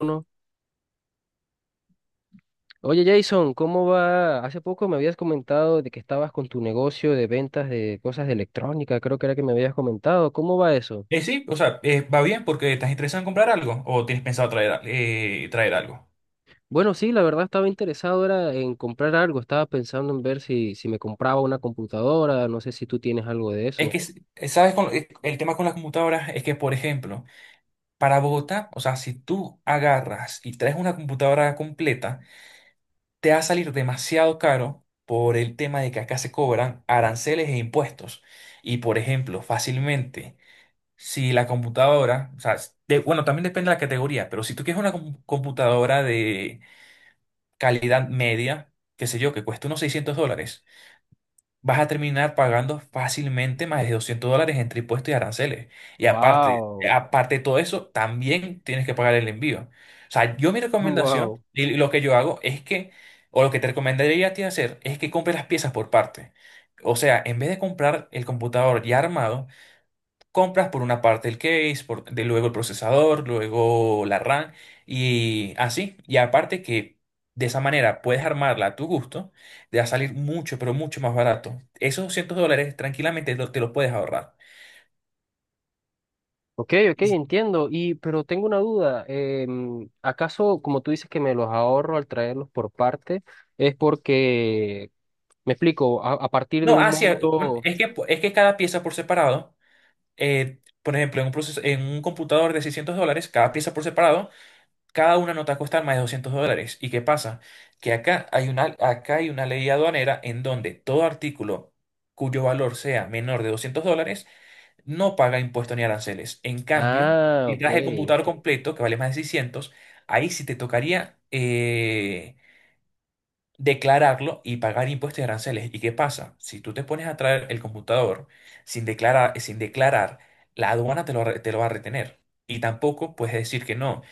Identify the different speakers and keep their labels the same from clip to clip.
Speaker 1: Uno. Oye Jason, ¿cómo va? Hace poco me habías comentado de que estabas con tu negocio de ventas de cosas de electrónica, creo que era que me habías comentado. ¿Cómo va eso?
Speaker 2: Sí, o sea, va bien. ¿Porque estás interesado en comprar algo o tienes pensado traer, traer algo?
Speaker 1: Bueno, sí, la verdad estaba interesado era en comprar algo, estaba pensando en ver si me compraba una computadora, no sé si tú tienes algo de
Speaker 2: Es
Speaker 1: eso.
Speaker 2: que, No. s- ¿sabes? El tema con las computadoras es que, por ejemplo, para Bogotá, o sea, si tú agarras y traes una computadora completa, te va a salir demasiado caro por el tema de que acá se cobran aranceles e impuestos. Y, por ejemplo, fácilmente, si la computadora, o sea, bueno, también depende de la categoría, pero si tú quieres una computadora de calidad media, qué sé yo, que cuesta unos 600 dólares, vas a terminar pagando fácilmente más de 200 dólares entre impuestos y aranceles. Y aparte,
Speaker 1: Wow,
Speaker 2: aparte de todo eso, también tienes que pagar el envío. O sea, yo, mi recomendación
Speaker 1: wow.
Speaker 2: y lo que yo hago, es que, o lo que te recomendaría a ti hacer, es que compres las piezas por parte. O sea, en vez de comprar el computador ya armado, compras por una parte el case, por, de luego el procesador, luego la RAM y así. Y aparte que de esa manera puedes armarla a tu gusto, te va a salir mucho, pero mucho más barato. Esos 200 dólares tranquilamente te lo puedes ahorrar.
Speaker 1: Ok, ok,
Speaker 2: Y-
Speaker 1: entiendo. Y pero tengo una duda. ¿Acaso, como tú dices que me los ahorro al traerlos por parte, es porque, me explico, a partir de
Speaker 2: No,
Speaker 1: un
Speaker 2: así es.
Speaker 1: monto...
Speaker 2: Es que, es que cada pieza por separado, por ejemplo, en un proceso, en un computador de 600 dólares, cada pieza por separado, cada una no te va a costar más de 200 dólares. ¿Y qué pasa? Que acá hay una ley aduanera en donde todo artículo cuyo valor sea menor de 200 dólares no paga impuestos ni aranceles. En cambio,
Speaker 1: Ah,
Speaker 2: si
Speaker 1: ok.
Speaker 2: traes el computador completo, que vale más de seiscientos, ahí sí te tocaría declararlo y pagar impuestos y aranceles. ¿Y qué pasa? Si tú te pones a traer el computador sin declarar, sin declarar, la aduana te lo, te lo va a retener. Y tampoco puedes decir que no.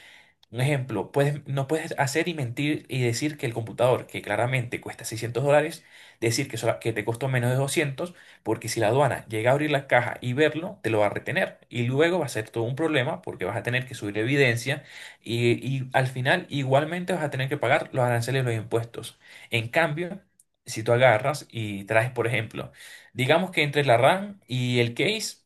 Speaker 2: Un ejemplo, puedes, no puedes hacer y mentir y decir que el computador, que claramente cuesta 600 dólares, decir que, que te costó menos de 200, porque si la aduana llega a abrir la caja y verlo, te lo va a retener. Y luego va a ser todo un problema porque vas a tener que subir evidencia y al final igualmente vas a tener que pagar los aranceles y los impuestos. En cambio, si tú agarras y traes, por ejemplo, digamos que entre la RAM y el case,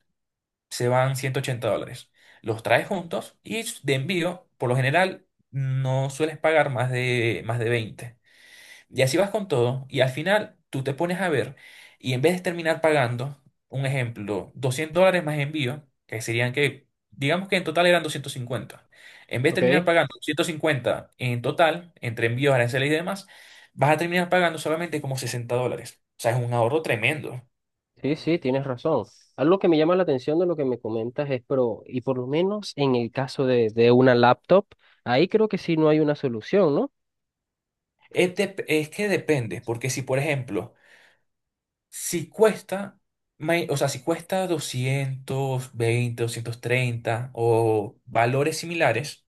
Speaker 2: se van 180 dólares. Los traes juntos y de envío, por lo general, no sueles pagar más de 20. Y así vas con todo y al final tú te pones a ver y en vez de terminar pagando, un ejemplo, 200 dólares más envío, que serían que, digamos que en total eran 250. En vez de terminar
Speaker 1: Ok.
Speaker 2: pagando 150 en total, entre envíos, aranceles y demás, vas a terminar pagando solamente como 60 dólares. O sea, es un ahorro tremendo.
Speaker 1: Sí, sí, tienes razón. Algo que me llama la atención de lo que me comentas es, pero, y por lo menos en el caso de una laptop, ahí creo que sí no hay una solución, ¿no?
Speaker 2: Es, es que depende, porque si por ejemplo, si cuesta, o sea, si cuesta doscientos veinte, doscientos treinta o valores similares,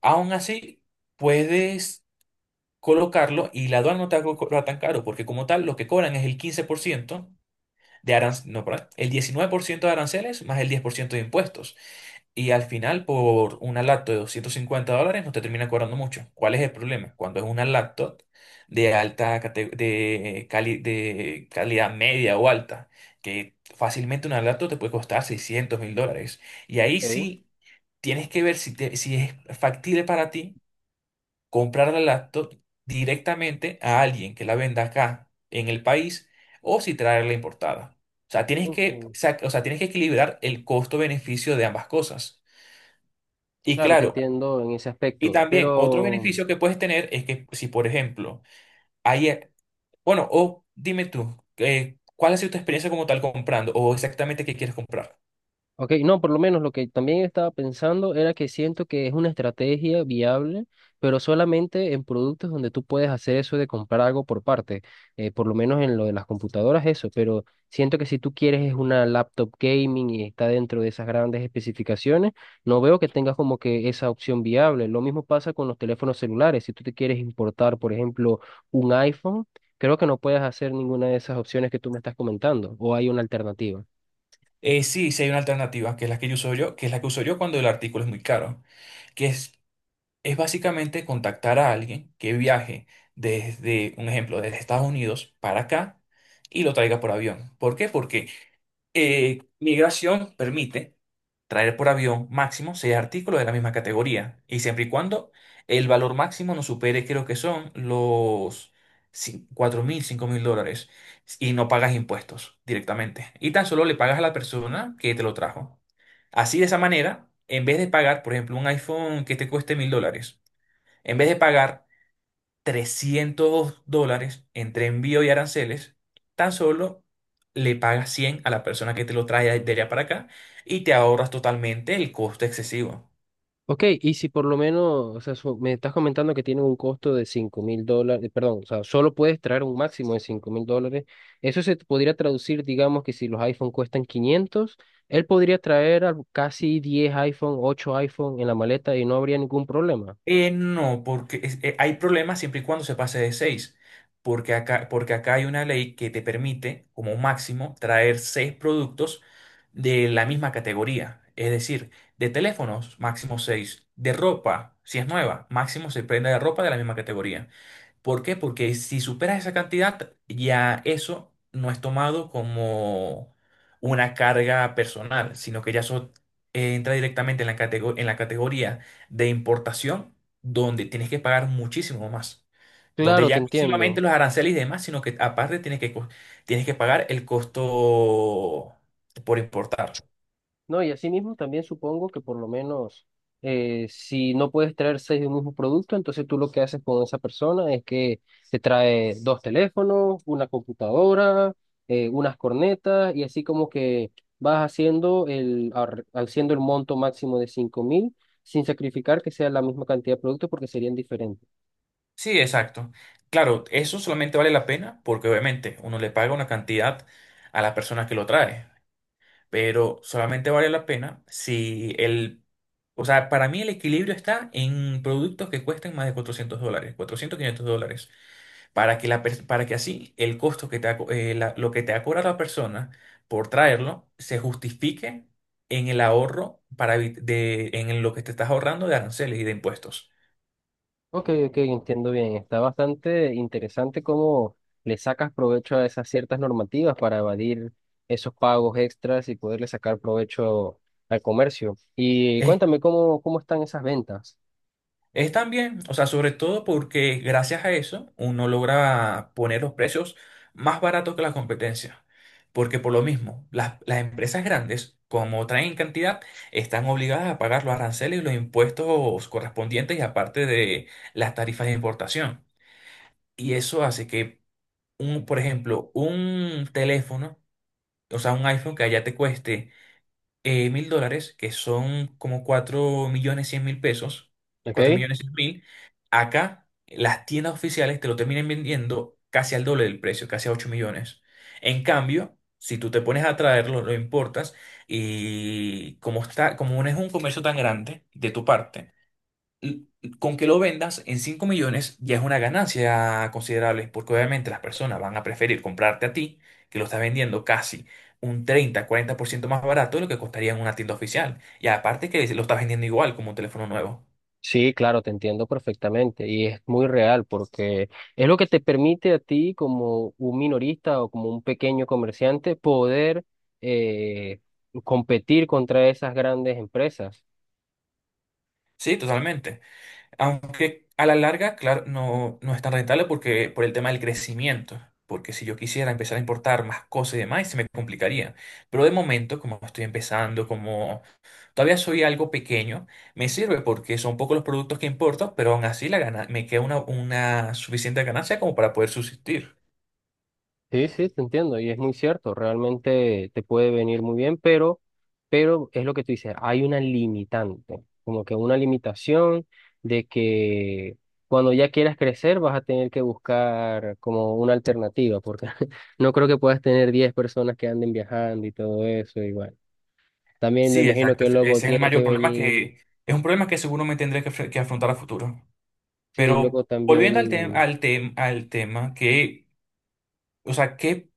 Speaker 2: aún así puedes colocarlo y la aduana no te va a cobrar tan caro, porque como tal lo que cobran es el 15% de aranceles, no, perdón, el 19% de aranceles más el 10% de impuestos. Y al final, por una laptop de 250 dólares, no te termina cobrando mucho. ¿Cuál es el problema? Cuando es una laptop de alta cate- de, cali- de calidad media o alta, que fácilmente una laptop te puede costar 600 mil dólares. Y ahí
Speaker 1: Ok.
Speaker 2: sí tienes que ver si, si es factible para ti comprar la laptop directamente a alguien que la venda acá en el país o si traerla importada. O sea, tienes que,
Speaker 1: Ok.
Speaker 2: o sea, tienes que equilibrar el costo-beneficio de ambas cosas. Y
Speaker 1: Claro, te
Speaker 2: claro,
Speaker 1: entiendo en ese
Speaker 2: y
Speaker 1: aspecto,
Speaker 2: también otro
Speaker 1: pero...
Speaker 2: beneficio que puedes tener es que si, por ejemplo, hay, bueno, o dime tú, ¿cuál ha sido tu experiencia como tal comprando o exactamente qué quieres comprar?
Speaker 1: Ok, no, por lo menos lo que también estaba pensando era que siento que es una estrategia viable, pero solamente en productos donde tú puedes hacer eso de comprar algo por parte, por lo menos en lo de las computadoras, eso, pero siento que si tú quieres es una laptop gaming y está dentro de esas grandes especificaciones, no veo que tengas como que esa opción viable. Lo mismo pasa con los teléfonos celulares, si tú te quieres importar, por ejemplo, un iPhone, creo que no puedes hacer ninguna de esas opciones que tú me estás comentando, o hay una alternativa.
Speaker 2: Sí, hay una alternativa, que es la que yo uso yo, que es la que uso yo cuando el artículo es muy caro, que es básicamente contactar a alguien que viaje desde, un ejemplo, desde Estados Unidos para acá y lo traiga por avión. ¿Por qué? Porque migración permite traer por avión máximo seis artículos de la misma categoría y siempre y cuando el valor máximo no supere, creo que son los 4 mil, 5 mil dólares, y no pagas impuestos directamente. Y tan solo le pagas a la persona que te lo trajo. Así, de esa manera, en vez de pagar, por ejemplo, un iPhone que te cueste mil dólares, en vez de pagar 300 dólares entre envío y aranceles, tan solo le pagas 100 a la persona que te lo trae de allá para acá y te ahorras totalmente el costo excesivo.
Speaker 1: Ok, y si por lo menos, o sea, me estás comentando que tiene un costo de $5.000, perdón, o sea, solo puedes traer un máximo de $5.000. Eso se podría traducir, digamos, que si los iPhone cuestan 500, él podría traer casi 10 iPhone, 8 iPhone en la maleta y no habría ningún problema.
Speaker 2: No, porque hay problemas siempre y cuando se pase de seis, porque acá hay una ley que te permite, como máximo, traer 6 productos de la misma categoría. Es decir, de teléfonos, máximo seis; de ropa, si es nueva, máximo se prenda de ropa de la misma categoría. ¿Por qué? Porque si superas esa cantidad, ya eso no es tomado como una carga personal, sino que ya eso, entra directamente en la en la categoría de importación, donde tienes que pagar muchísimo más. Donde
Speaker 1: Claro, te
Speaker 2: ya no solamente
Speaker 1: entiendo.
Speaker 2: los aranceles y demás, sino que aparte tienes que, tienes que pagar el costo por importar.
Speaker 1: No, y asimismo también supongo que por lo menos si no puedes traer seis de un mismo producto, entonces tú lo que haces con esa persona es que te trae dos teléfonos, una computadora, unas cornetas y así como que vas haciendo haciendo el monto máximo de 5.000 sin sacrificar que sea la misma cantidad de productos porque serían diferentes.
Speaker 2: Sí, exacto. Claro, eso solamente vale la pena porque obviamente uno le paga una cantidad a la persona que lo trae, pero solamente vale la pena si el... O sea, para mí el equilibrio está en productos que cuesten más de 400 dólares, 400 500 dólares, para que, para que así el costo que te ha lo que te ha cobrado la persona por traerlo se justifique en el ahorro para en lo que te estás ahorrando de aranceles y de impuestos.
Speaker 1: Ok, ok, entiendo bien. Está bastante interesante cómo le sacas provecho a esas ciertas normativas para evadir esos pagos extras y poderle sacar provecho al comercio. Y cuéntame cómo están esas ventas.
Speaker 2: Es también, o sea, sobre todo porque gracias a eso uno logra poner los precios más baratos que la competencia. Porque por lo mismo, las empresas grandes, como traen cantidad, están obligadas a pagar los aranceles y los impuestos correspondientes y aparte de las tarifas de importación. Y eso hace que, un, por ejemplo, un teléfono, o sea, un iPhone que allá te cueste mil dólares, que son como cuatro millones cien mil pesos, cuatro
Speaker 1: ¿Ok?
Speaker 2: millones cien mil, acá las tiendas oficiales te lo terminan vendiendo casi al doble del precio, casi a 8 millones. En cambio, si tú te pones a traerlo, lo importas, y como está, como no es un comercio tan grande de tu parte, l- con que lo vendas en 5 millones ya es una ganancia considerable, porque obviamente las personas van a preferir comprarte a ti, que lo estás vendiendo casi un treinta cuarenta por ciento más barato de lo que costaría en una tienda oficial. Y aparte que lo estás vendiendo igual como un teléfono nuevo.
Speaker 1: Sí, claro, te entiendo perfectamente y es muy real porque es lo que te permite a ti como un minorista o como un pequeño comerciante poder eh, competir contra esas grandes empresas.
Speaker 2: Sí, totalmente. Aunque a la larga, claro, no es tan rentable porque por el tema del crecimiento. Porque si yo quisiera empezar a importar más cosas y demás, se me complicaría. Pero de momento, como estoy empezando, como todavía soy algo pequeño, me sirve porque son pocos los productos que importo, pero aún así la gana, me queda una suficiente ganancia como para poder subsistir.
Speaker 1: Sí, sí, te entiendo y es muy cierto, realmente te puede venir muy bien, pero, es lo que tú dices, hay una limitante, como que una limitación de que cuando ya quieras crecer vas a tener que buscar como una alternativa, porque no creo que puedas tener 10 personas que anden viajando y todo eso, igual. También me
Speaker 2: Sí,
Speaker 1: imagino
Speaker 2: exacto.
Speaker 1: que
Speaker 2: Ese es
Speaker 1: luego
Speaker 2: el
Speaker 1: tiene
Speaker 2: mayor
Speaker 1: que
Speaker 2: problema.
Speaker 1: venir,
Speaker 2: Que es un problema que seguro me tendré que, que afrontar a futuro.
Speaker 1: sí,
Speaker 2: Pero
Speaker 1: luego
Speaker 2: volviendo al tema,
Speaker 1: también.
Speaker 2: al al tema que, o sea, ¿qué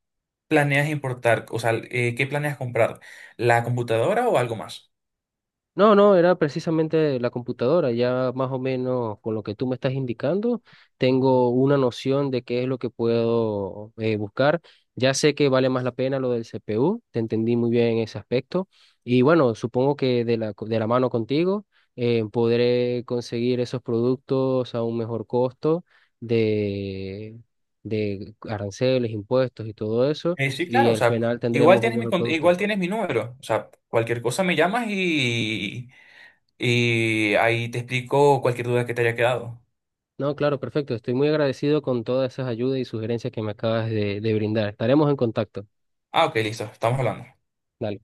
Speaker 2: planeas importar? O sea, ¿qué planeas comprar? ¿La computadora o algo más?
Speaker 1: No, no, era precisamente la computadora. Ya más o menos con lo que tú me estás indicando, tengo una noción de qué es lo que puedo buscar. Ya sé que vale más la pena lo del CPU, te entendí muy bien en ese aspecto. Y bueno, supongo que de la, de la mano contigo podré conseguir esos productos a un mejor costo de, de aranceles, impuestos y todo eso.
Speaker 2: Sí,
Speaker 1: Y
Speaker 2: claro, o
Speaker 1: al
Speaker 2: sea,
Speaker 1: final
Speaker 2: igual
Speaker 1: tendremos un
Speaker 2: tienes mi,
Speaker 1: mejor producto.
Speaker 2: igual tienes mi número. O sea, cualquier cosa me llamas y ahí te explico cualquier duda que te haya quedado.
Speaker 1: No, claro, perfecto. Estoy muy agradecido con todas esas ayudas y sugerencias que me acabas de brindar. Estaremos en contacto.
Speaker 2: Ah, ok, listo, estamos hablando.
Speaker 1: Dale.